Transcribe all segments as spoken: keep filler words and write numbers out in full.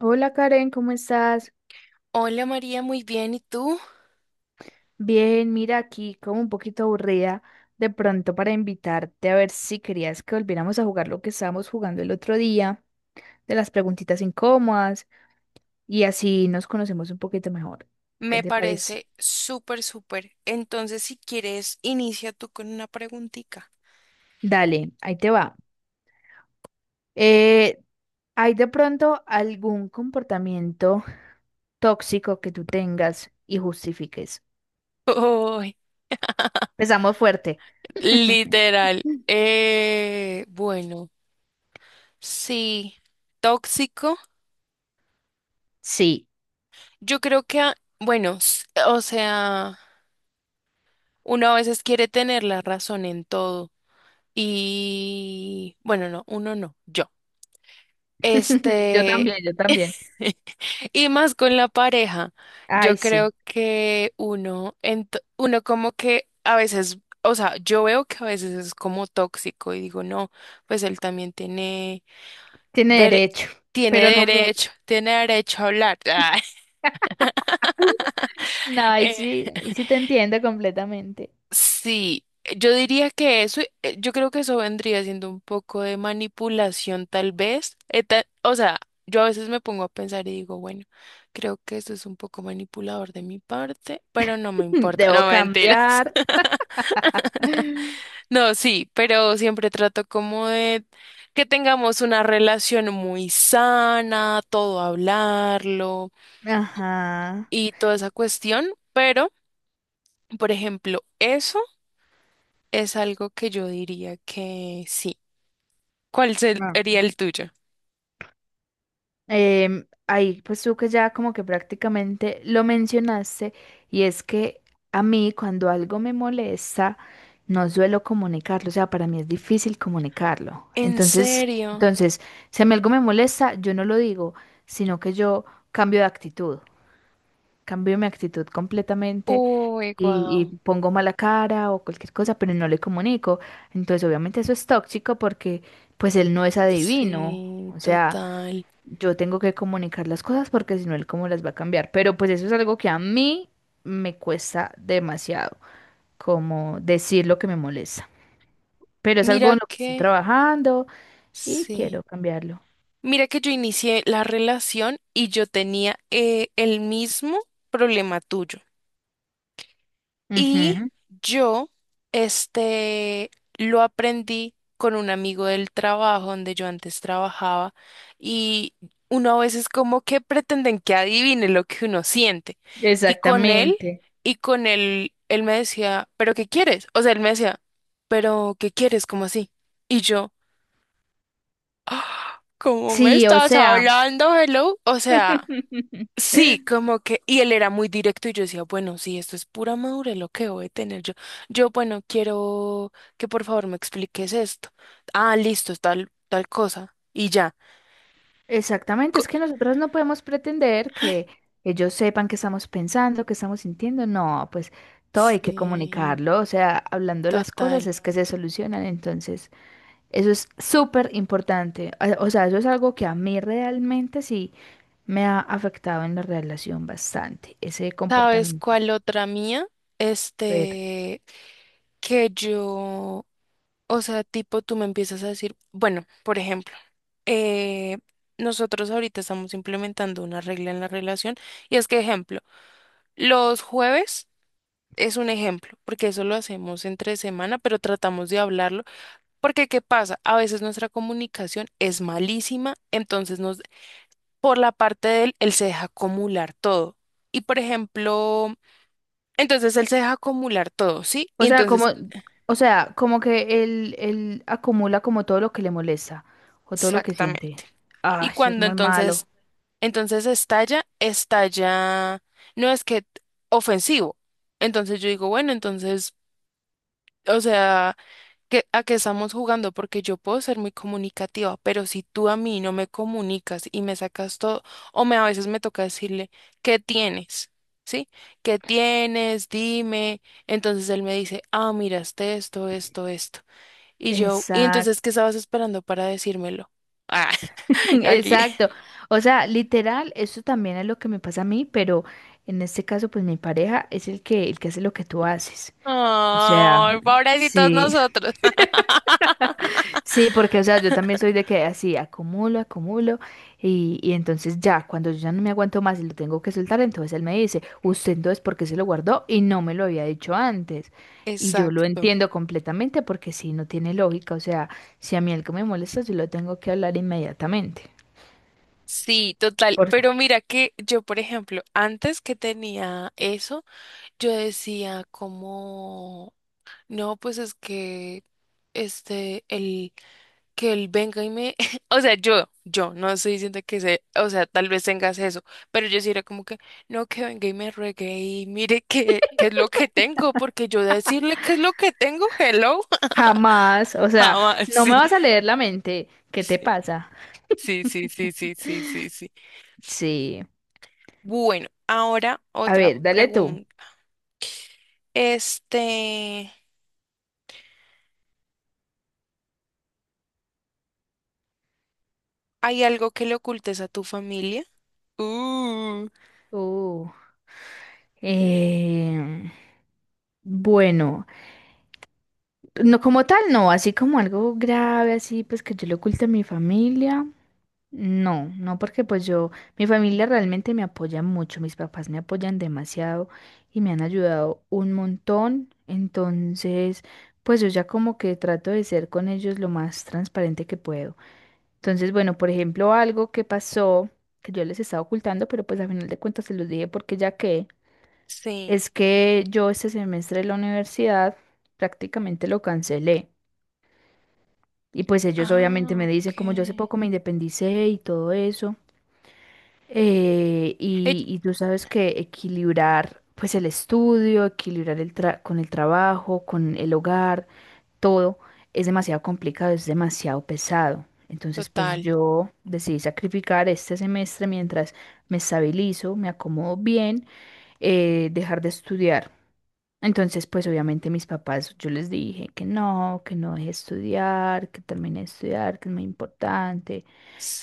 Hola Karen, ¿cómo estás? Hola María, muy bien. ¿Y tú? Bien, mira aquí como un poquito aburrida de pronto para invitarte a ver si querías que volviéramos a jugar lo que estábamos jugando el otro día, de las preguntitas incómodas y así nos conocemos un poquito mejor. ¿Qué Me te parece? parece súper, súper. Entonces, si quieres, inicia tú con una preguntita. Dale, ahí te va. Eh, ¿hay de pronto algún comportamiento tóxico que tú tengas y justifiques? Uy, Empezamos fuerte. literal. Eh, bueno, sí, tóxico. Sí, Yo creo que, a- bueno, s- o sea, uno a veces quiere tener la razón en todo. Y, bueno, no, uno no, yo. yo Este, también, yo también. y más con la pareja, Ay, yo creo sí, que uno, ent- uno como que a veces, o sea, yo veo que a veces es como tóxico y digo, no, pues él también tiene, tiene dere- derecho, tiene pero no mucho. derecho, tiene derecho a hablar. No, ahí sí, ahí sí te entiendo completamente. Sí, eh, yo diría que eso, eh, yo creo que eso vendría siendo un poco de manipulación tal vez. Eh, ta- o sea, yo a veces me pongo a pensar y digo, bueno, creo que eso es un poco manipulador de mi parte, pero no me importa, Debo no mentiras. cambiar. No, sí, pero siempre trato como de que tengamos una relación muy sana, todo hablarlo Ajá. y toda esa cuestión, pero, por ejemplo, eso es algo que yo diría que sí. ¿Cuál se- Ah. sería el tuyo? Em, ahí, pues tú que ya como que prácticamente lo mencionaste, y es que a mí cuando algo me molesta, no suelo comunicarlo, o sea, para mí es difícil comunicarlo. ¿En Entonces, serio? entonces, si a mí algo me molesta, yo no lo digo, sino que yo cambio de actitud. Cambio mi actitud completamente Uy, y, y guau. pongo mala cara o cualquier cosa, pero no le comunico. Entonces, obviamente eso es tóxico porque pues él no es adivino. Sí, O sea, total. yo tengo que comunicar las cosas porque si no, él cómo las va a cambiar. Pero pues eso es algo que a mí me cuesta demasiado, como decir lo que me molesta. Pero es algo Mira en lo que estoy que, trabajando y sí. quiero cambiarlo. Mira que yo inicié la relación y yo tenía eh, el mismo problema tuyo. Y Ujú. yo, este, lo aprendí con un amigo del trabajo donde yo antes trabajaba y uno a veces como que pretenden que adivine lo que uno siente. Y con él, Exactamente. y con él, él me decía, ¿pero qué quieres? O sea, él me decía, ¿pero qué quieres? ¿Cómo así? Y yo, "Ah, ¿cómo me Sí, o estás sea. hablando, hello? O sea... Sí, como que, y él era muy directo y yo decía, bueno, sí, esto es pura madurez lo que voy a tener yo. Yo, bueno, quiero que por favor me expliques esto. Ah, listo, es tal, tal cosa. Y ya. Exactamente, Co- es que nosotros no podemos pretender que ellos sepan qué estamos pensando, qué estamos sintiendo. No, pues todo hay que Sí, comunicarlo, o sea, hablando las cosas total. es que se solucionan. Entonces, eso es súper importante. A- O sea, eso es algo que a mí realmente sí me ha afectado en la relación bastante, ese ¿Sabes comportamiento. cuál otra mía? Pero, Este, que yo, o sea, tipo, tú me empiezas a decir, bueno, por ejemplo, eh, nosotros ahorita estamos implementando una regla en la relación y es que, ejemplo, los jueves... Es un ejemplo, porque eso lo hacemos entre semana, pero tratamos de hablarlo, porque ¿qué pasa? A veces nuestra comunicación es malísima, entonces nos, por la parte de él, él se deja acumular todo. Y por ejemplo, entonces él se deja acumular todo, ¿sí? Y o sea, como, entonces, o sea, como que él, él acumula como todo lo que le molesta o todo lo que siente. exactamente. Y Ah, eso es cuando muy entonces, malo. entonces estalla, estalla, no es que ofensivo. Entonces yo digo, bueno, entonces, o sea... que, a qué estamos jugando, porque yo puedo ser muy comunicativa, pero si tú a mí no me comunicas y me sacas todo, o me a veces me toca decirle, ¿qué tienes? ¿Sí? ¿Qué tienes? Dime. Entonces él me dice, ah, miraste esto, esto, esto. Y yo, ¿y Exacto. entonces qué estabas esperando para decírmelo? Ah, aquí. Exacto. O sea, literal, eso también es lo que me pasa a mí, pero en este caso, pues mi pareja es el que, el que hace lo que tú haces. O Ay, sea, pobrecitos sí, nosotros. sí, porque, o sea, yo también soy de que así acumulo, acumulo, y, y entonces ya, cuando yo ya no me aguanto más y lo tengo que soltar, entonces él me dice, usted entonces, ¿por qué se lo guardó? Y no me lo había dicho antes. Y yo lo Exacto. entiendo completamente porque sí, no tiene lógica. O sea, si a mí algo me molesta, yo lo tengo que hablar inmediatamente. Sí, total. ¿Por Pero mira que yo, por ejemplo, antes que tenía eso, yo decía como, no, pues es que este, el, que él venga y me, o sea, yo, yo, no estoy diciendo que se, o sea, tal vez tengas eso, pero yo sí era como que, no, que venga y me ruegue y mire qué, qué es lo que tengo, porque yo decirle qué es lo que tengo, hello, Jamás, o sea, jamás, no me sí, vas a leer la mente. ¿Qué te sí, pasa? sí, sí, sí, sí, sí, sí, sí. Sí. Bueno, ahora A otra ver, dale tú. pregunta. Este, ¿Hay algo que le ocultes a tu familia? Uh. Uh, em, bueno, no como tal, no, así como algo grave, así pues que yo le oculte a mi familia. No, no porque pues yo, mi familia realmente me apoya mucho, mis papás me apoyan demasiado y me han ayudado un montón, entonces pues yo ya como que trato de ser con ellos lo más transparente que puedo. Entonces, bueno, por ejemplo, algo que pasó que yo les estaba ocultando, pero pues a final de cuentas se los dije porque ya que Sí. es que yo este semestre de la universidad prácticamente lo cancelé y pues ellos obviamente Ah, me dicen ok. como yo hace poco me independicé y todo eso. Eh, Ell- y, y tú sabes que equilibrar pues el estudio, equilibrar el tra- con el trabajo, con el hogar, todo es demasiado complicado, es demasiado pesado. Entonces pues Total, yo decidí sacrificar este semestre mientras me estabilizo, me acomodo bien, eh, dejar de estudiar. Entonces pues obviamente mis papás, yo les dije que no, que no deje de estudiar, que termine de estudiar, que es muy importante.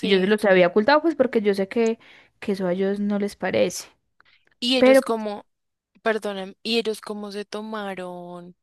Y yo se los había ocultado, pues porque yo sé que, que eso a ellos no les parece. Y ellos Pero pues, como, perdonen, y ellos como se tomaron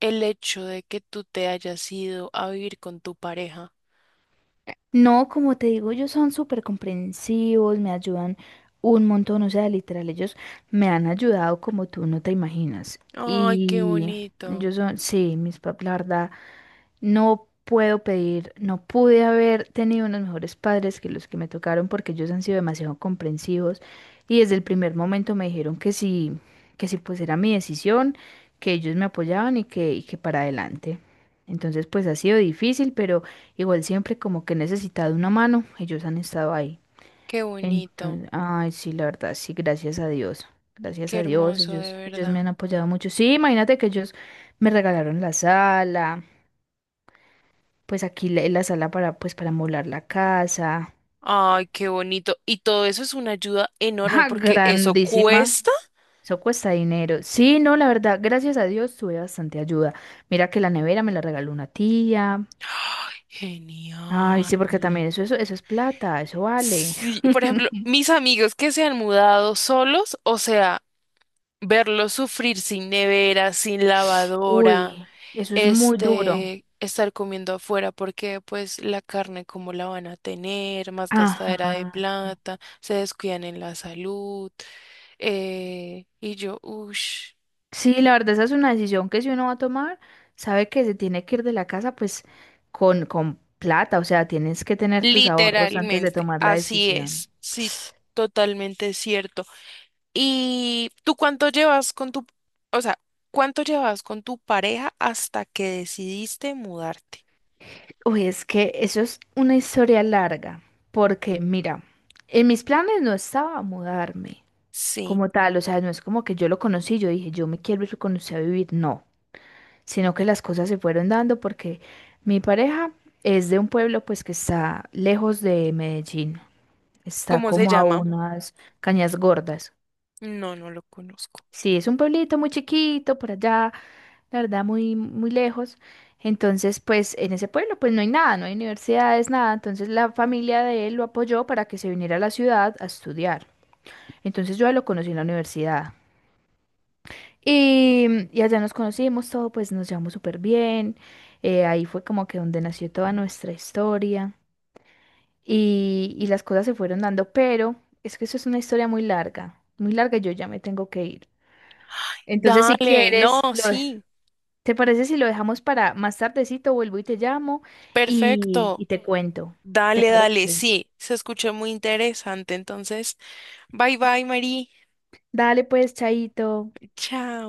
el hecho de que tú te hayas ido a vivir con tu pareja. no, como te digo, ellos son súper comprensivos, me ayudan un montón, o sea, literal, ellos me han ayudado como tú no te imaginas. Ay, qué Y bonito, ellos son, sí, mis papás. No puedo pedir, no pude haber tenido unos mejores padres que los que me tocaron porque ellos han sido demasiado comprensivos y desde el primer momento me dijeron que sí, que sí pues era mi decisión, que ellos me apoyaban y que, y que para adelante. Entonces pues ha sido difícil, pero igual siempre como que he necesitado una mano, ellos han estado ahí. qué bonito, Entonces, ay, sí, la verdad, sí, gracias a Dios. Gracias qué a Dios, hermoso de ellos, ellos me verdad. han apoyado mucho. Sí, imagínate que ellos me regalaron la sala pues aquí la, la sala para, pues para molar la casa. Ay, qué bonito. Y todo eso es una ayuda enorme ¡Ja! porque eso Grandísima. cuesta. Eso cuesta dinero. Sí, no, la verdad, gracias a Dios tuve bastante ayuda. Mira que la nevera me la regaló una tía. ¡Ay, Ay, genial! sí, porque también eso, eso, eso es plata, eso vale. Sí, por ejemplo, mis amigos que se han mudado solos, o sea, verlo sufrir sin nevera, sin lavadora, Uy, eso es muy duro. este, estar comiendo afuera porque pues la carne como la van a tener, más gastadera de Ajá. plata, se descuidan en la salud, eh, y yo, ush, Sí, la verdad, esa es una decisión que si uno va a tomar, sabe que se tiene que ir de la casa, pues con, con plata, o sea, tienes que tener tus ahorros antes de literalmente, tomar la así decisión. es, sí, totalmente cierto. ¿Y tú cuánto llevas con tu, o sea, cuánto llevas con tu pareja hasta que decidiste mudarte? Uy, es que eso es una historia larga, porque mira, en mis planes no estaba mudarme Sí, como tal, o sea, no es como que yo lo conocí, yo dije, yo me quiero ir con usted a vivir, no, sino que las cosas se fueron dando porque mi pareja es de un pueblo pues que está lejos de Medellín, está ¿cómo se como a llama? unas cañas gordas. No, no lo conozco. Sí, es un pueblito muy chiquito por allá, la verdad, muy, muy lejos. Entonces, pues en ese pueblo, pues no hay nada, no hay universidades, nada. Entonces la familia de él lo apoyó para que se viniera a la ciudad a estudiar. Entonces yo a él lo conocí en la universidad. Y, mm, y allá nos conocimos todo, pues nos llevamos súper bien. Eh, ahí fue como que donde nació toda nuestra historia. Y, y las cosas se fueron dando, pero es que eso es una historia muy larga, muy larga y yo ya me tengo que ir. Entonces, si Dale, no, quieres, lo... sí, ¿Te parece si lo dejamos para más tardecito? Vuelvo y te llamo y, y perfecto. te cuento. ¿Te Dale, dale, parece? sí, se escuchó muy interesante. Entonces, bye bye, Mari. Dale pues, Chaito. Chao.